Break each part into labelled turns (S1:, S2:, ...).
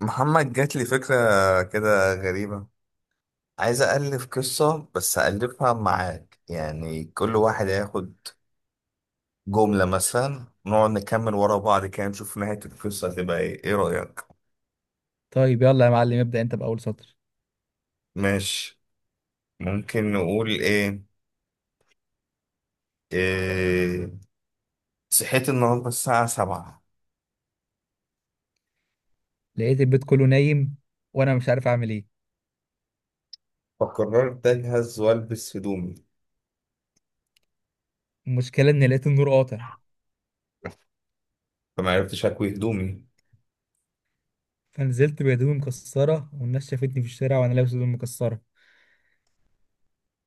S1: محمد، جات لي فكرة كده غريبة. عايز ألف قصة بس ألفها معاك، يعني كل واحد هياخد جملة مثلا، نقعد نكمل ورا بعض كده نشوف نهاية القصة هتبقى إيه. إيه رأيك؟
S2: طيب، يلا يا معلم ابدأ انت بأول سطر.
S1: ماشي. ممكن نقول إيه؟ إيه، صحيت النهاردة الساعة 7،
S2: لقيت البيت كله نايم وانا مش عارف اعمل ايه.
S1: فقررت أجهز وألبس هدومي،
S2: المشكلة اني لقيت النور قاطع،
S1: فما عرفتش أكوي هدومي.
S2: فنزلت بهدومي مكسرة والناس شافتني في الشارع وانا لابس هدوم مكسرة.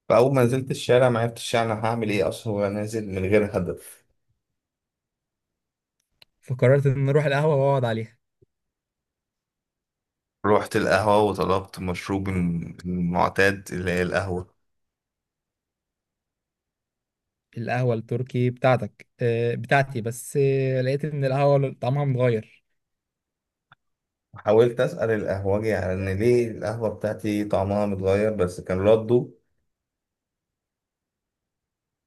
S1: فأول ما نزلت الشارع ما عرفتش أنا هعمل إيه أصلا، وأنا نازل من غير هدف.
S2: فقررت ان اروح القهوة واقعد عليها.
S1: رحت القهوة وطلبت مشروبي المعتاد، اللي هي القهوة.
S2: القهوة التركي بتاعتك؟ اه بتاعتي، بس لقيت ان القهوة طعمها متغير.
S1: حاولت أسأل القهوجي على إن ليه القهوة بتاعتي طعمها متغير، بس كان رده.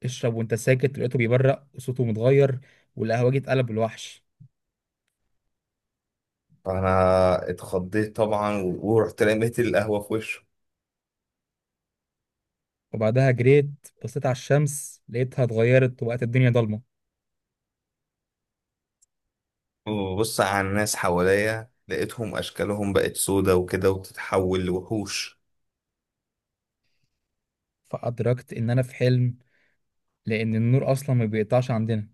S2: اشرب وانت ساكت. لقيته بيبرق وصوته متغير، والقهوجي اتقلب الوحش.
S1: فأنا اتخضيت طبعا ورحت رميت القهوة في وشه.
S2: وبعدها جريت. بصيت على الشمس لقيتها اتغيرت وبقت الدنيا ضلمة،
S1: وبص على الناس حواليا، لقيتهم أشكالهم بقت سودا وكده وتتحول لوحوش.
S2: فأدركت إن أنا في حلم، لان النور اصلا ما بيقطعش عندنا.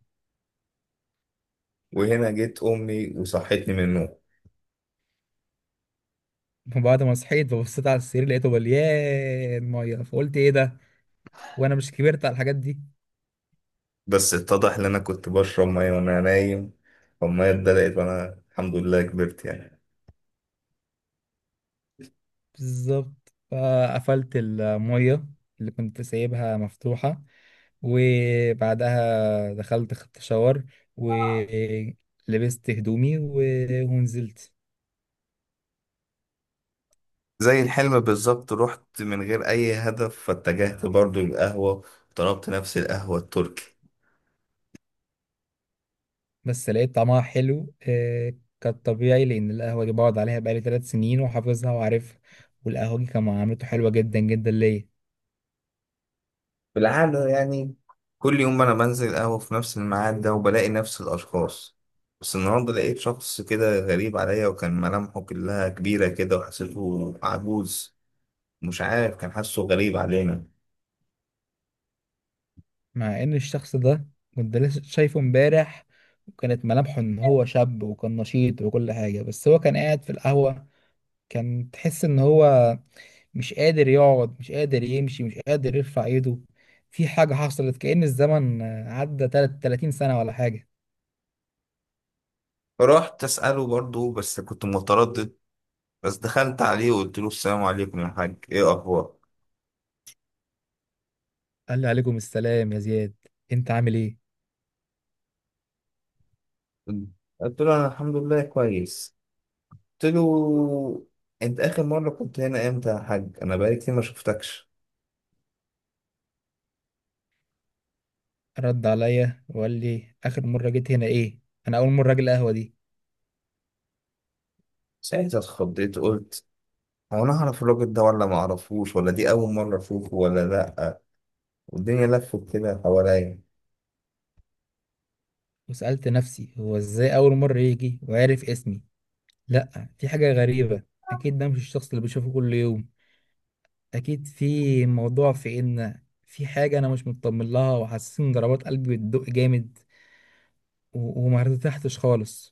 S1: وهنا جيت أمي وصحتني من النوم.
S2: فبعد ما صحيت، فبصيت على السرير لقيته مليان ميه، فقلت ايه ده وانا مش كبرت على الحاجات دي.
S1: بس اتضح إن أنا كنت بشرب مية وأنا نايم، فالمية اتدلقت، وأنا الحمد لله كبرت يعني.
S2: بالظبط، فقفلت الميه اللي كنت سايبها مفتوحه، وبعدها دخلت خدت شاور ولبست هدومي ونزلت.
S1: زي الحلم بالظبط، رحت من غير أي هدف، فاتجهت برضو للقهوة. طلبت نفس القهوة التركي،
S2: بس لقيت طعمها حلو، آه، كانت طبيعي، لان القهوه دي بقعد عليها بقالي ثلاث سنين وحافظها وعارفها. والقهوه دي كان معاملته حلوه جدا جدا ليا.
S1: بالعادة يعني. كل يوم أنا بنزل قهوة في نفس الميعاد ده وبلاقي نفس الأشخاص، بس النهاردة لقيت شخص كده غريب عليا، وكان ملامحه كلها كبيرة كده وحسيته عجوز. مش عارف، كان حاسه غريب علينا.
S2: مع ان الشخص ده كنت لسه شايفه امبارح، وكانت ملامحه ان هو شاب وكان نشيط وكل حاجة، بس هو كان قاعد في القهوة. كان تحس ان هو مش قادر يقعد، مش قادر يمشي، مش قادر يرفع ايده. في حاجة حصلت، كأن الزمن عدى 30 سنة ولا حاجة.
S1: فرحت أسأله برضو بس كنت متردد. بس دخلت عليه وقلت له السلام عليكم يا حاج، إيه أخبارك؟
S2: قال لي عليكم السلام يا زياد، انت عامل ايه؟
S1: قلت له أنا الحمد لله كويس. قلت له، انت اخر مره كنت هنا امتى يا حاج؟ انا بقالي كتير ما شفتكش.
S2: رد عليا وقال لي اخر مرة جيت هنا ايه؟ انا اول مرة اجي القهوة دي.
S1: ساعتها اتخضيت، قلت هو انا اعرف الراجل ده ولا ما اعرفوش، ولا دي اول مره اشوفه ولا لا؟ والدنيا لفت كده حواليا.
S2: وسألت نفسي هو ازاي اول مرة يجي وعرف اسمي؟ لا، دي حاجة غريبة. أكيد ده مش الشخص اللي بشوفه كل يوم. أكيد في موضوع، في إن في حاجة أنا مش مطمن لها، وحاسس إن ضربات قلبي بتدق جامد، وما ارتحتش خالص.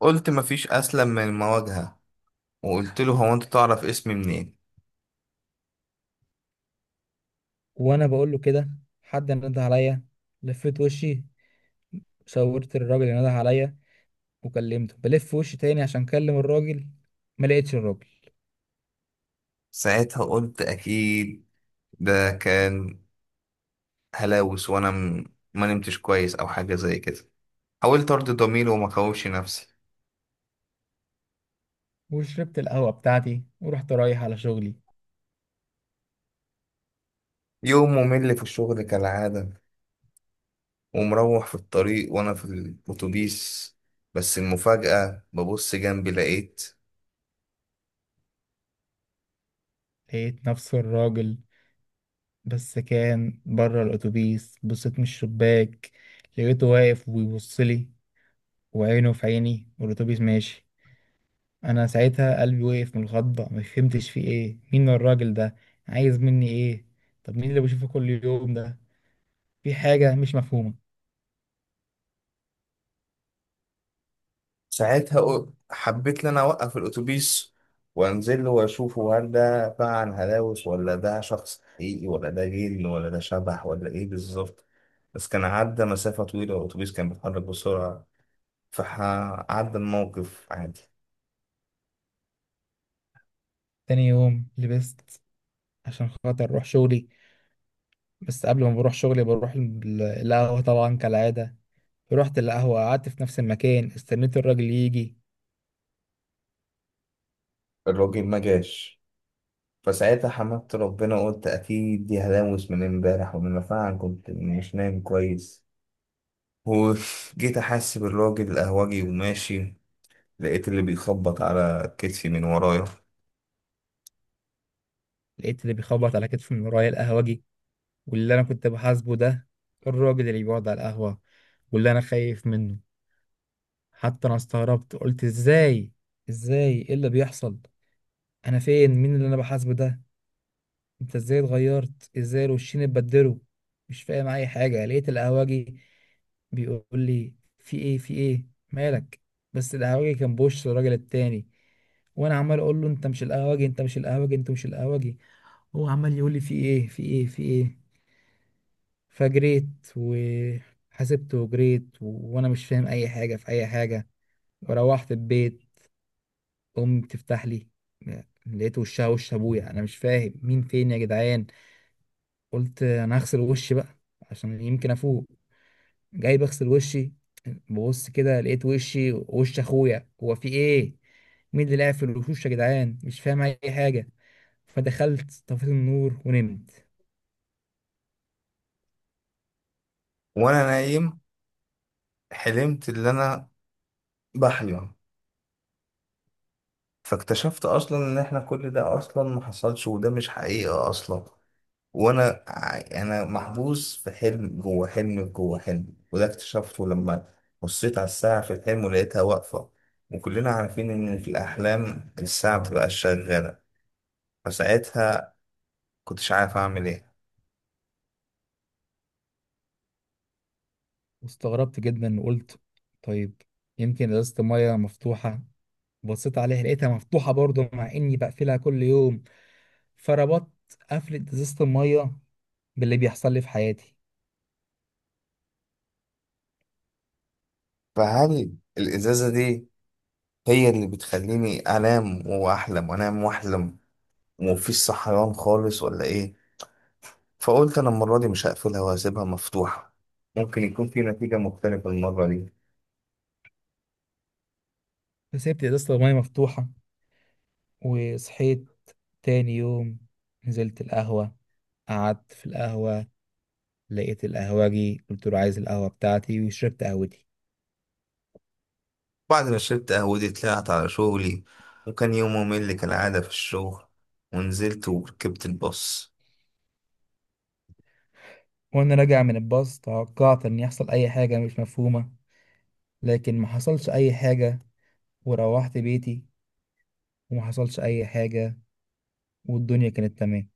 S1: قلت مفيش اسلم من المواجهه، وقلت له هو انت تعرف اسمي منين؟
S2: وأنا بقول له كده، حد نده عليا. لفيت وشي، صورت الراجل اللي نده عليا وكلمته. بلف وشي تاني عشان أكلم الراجل، ما لقيتش الراجل.
S1: ساعتها قلت اكيد ده كان هلاوس، ما نمتش كويس او حاجه زي كده. حاولت ارضي ضميري وما كوش نفسي.
S2: وشربت القهوة بتاعتي ورحت رايح على شغلي.
S1: يوم ممل في الشغل كالعاده، ومروح في الطريق وأنا في الأتوبيس. بس المفاجأة ببص جنبي لقيت.
S2: لقيت نفس الراجل، بس كان بره الأتوبيس. بصيت من الشباك لقيته واقف وبيبص لي، وعينه في عيني، والأتوبيس ماشي. أنا ساعتها قلبي وقف من الخضة. ما فهمتش فيه إيه، مين الراجل ده، عايز مني إيه؟ طب مين اللي بشوفه كل يوم ده؟ في حاجة مش مفهومة.
S1: ساعتها حبيت إن أنا أوقف الأتوبيس وأنزل له وأشوفه، هل ده فعلا هلاوس ولا ده شخص حقيقي ولا ده جن ولا ده شبح ولا إيه بالظبط؟ بس كان عدى مسافة طويلة والأتوبيس كان بيتحرك بسرعة، فعدى الموقف عادي.
S2: تاني يوم لبست عشان خاطر أروح شغلي، بس قبل ما بروح شغلي بروح القهوة طبعا كالعادة. رحت القهوة، قعدت في نفس المكان، استنيت الراجل يجي.
S1: الراجل ما جاش، فساعتها حمدت ربنا وقلت أكيد دي هلاوس من امبارح، وإن أنا فعلا كنت مش نايم كويس. وجيت أحاسب الراجل القهوجي وماشي، لقيت اللي بيخبط على كتفي من ورايا.
S2: لقيت اللي بيخبط على كتفي من ورايا القهوجي، واللي انا كنت بحاسبه ده الراجل اللي بيقعد على القهوة واللي انا خايف منه. حتى انا استغربت، قلت ازاي، ازاي، ايه اللي بيحصل؟ انا فين؟ مين اللي انا بحاسبه ده؟ انت ازاي اتغيرت؟ ازاي الوشين اتبدلوا؟ مش فاهم اي حاجة. لقيت القهوجي بيقول لي في ايه، في ايه، مالك؟ بس القهوجي كان بوش الراجل التاني. وانا عمال اقول له انت مش القهوجي، انت مش القهوجي، انت مش القهوجي. هو عمال يقول لي في ايه، في ايه، في ايه. فجريت وحسبت وجريت، وانا مش فاهم اي حاجه في اي حاجه. وروحت البيت، امي بتفتح لي، لقيت وشها وش ابويا. انا مش فاهم، مين فين يا جدعان؟ قلت انا هغسل وشي بقى عشان يمكن افوق. جاي بغسل وشي، ببص كده لقيت وشي وش اخويا. هو في ايه؟ مين اللي لعب في الوشوش يا جدعان؟ مش فاهم اي حاجه. فدخلت طفيت النور ونمت.
S1: وأنا نايم، حلمت اللي أنا بحلم، فاكتشفت أصلا إن إحنا كل ده أصلا ما حصلش، وده مش حقيقة أصلا. وأنا ع- أنا محبوس في حلم جوه حلم جوه حلم، وده اكتشفته لما بصيت على الساعة في الحلم ولقيتها واقفة. وكلنا عارفين إن في الأحلام الساعة بتبقى شغالة. فساعتها كنتش عارف أعمل إيه.
S2: واستغربت جدا وقلت طيب، يمكن ازازة المية مفتوحة. بصيت عليها لقيتها مفتوحة برضه، مع إني بقفلها كل يوم. فربطت قفلة إزازة المية باللي بيحصل لي في حياتي.
S1: فهل الإزازة دي هي اللي بتخليني أنام وأحلم وأنام وأحلم ومفيش صحيان خالص، ولا إيه؟ فقلت أنا المرة دي مش هقفلها وهسيبها مفتوحة، ممكن يكون في نتيجة مختلفة المرة دي.
S2: فسيبت إزازة المية مفتوحة وصحيت. تاني يوم نزلت القهوة، قعدت في القهوة، لقيت القهوجي قلت له عايز القهوة بتاعتي، وشربت قهوتي.
S1: بعد ما شربت قهوتي طلعت على شغلي، وكان يوم ممل كالعادة في الشغل. ونزلت وركبت الباص.
S2: وأنا راجع من الباص توقعت إن يحصل أي حاجة مش مفهومة، لكن ما حصلش أي حاجة. وروحت بيتي وما حصلش أي حاجة، والدنيا كانت تمام.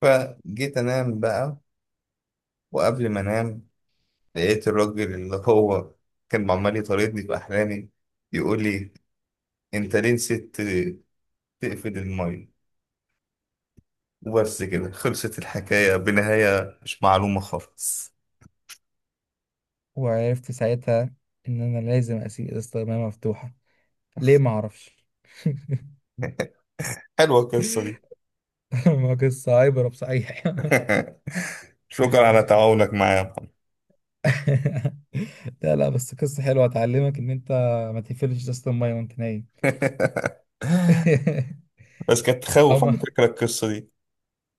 S1: فجيت أنام بقى، وقبل ما أنام لقيت الراجل اللي هو كان عمال يطاردني في أحلامي يقول لي، انت ليه نسيت تقفل المية؟ وبس كده خلصت الحكاية بنهاية مش معلومة خالص.
S2: وعرفت ساعتها ان انا لازم اسيب استخدامها مفتوحه. ليه؟ ما اعرفش.
S1: حلوة القصة دي.
S2: ما قصه عبره بصحيح.
S1: شكرا على تعاونك معايا يا محمد.
S2: لا لا، بس قصه حلوه هتعلمك ان انت ما تقفلش ازازه الميه وانت نايم.
S1: بس كانت
S2: او
S1: تخوف
S2: ما
S1: على فكرة، القصة دي.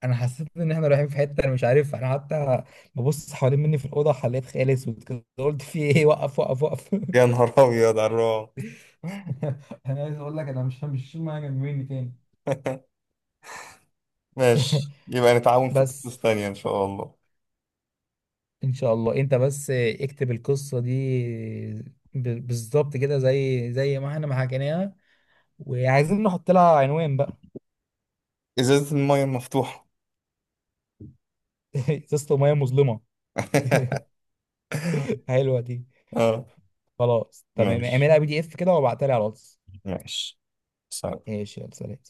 S2: انا حسيت ان احنا رايحين في حته انا مش عارف. انا حتى ببص حوالين مني في الاوضه حليت خيال اسود كده، قلت في ايه، وقف، وقف، وقف.
S1: يا نهار أبيض على الرعب!
S2: انا عايز اقول لك انا مش شايل ميه جنب مني تاني.
S1: ماشي، يبقى نتعاون في
S2: بس
S1: قصص تانية إن شاء الله.
S2: ان شاء الله انت بس اكتب القصه دي بالظبط كده، زي ما احنا ما حكيناها، وعايزين نحط لها عنوان بقى.
S1: إزازة المية المفتوحة.
S2: قصه ميه مظلمه. حلوه دي.
S1: اه.
S2: خلاص تمام،
S1: ماشي
S2: اعملها بي دي اف كده وابعتها لي على الواتس.
S1: ماشي، سلام.
S2: ماشي، يلا سلام.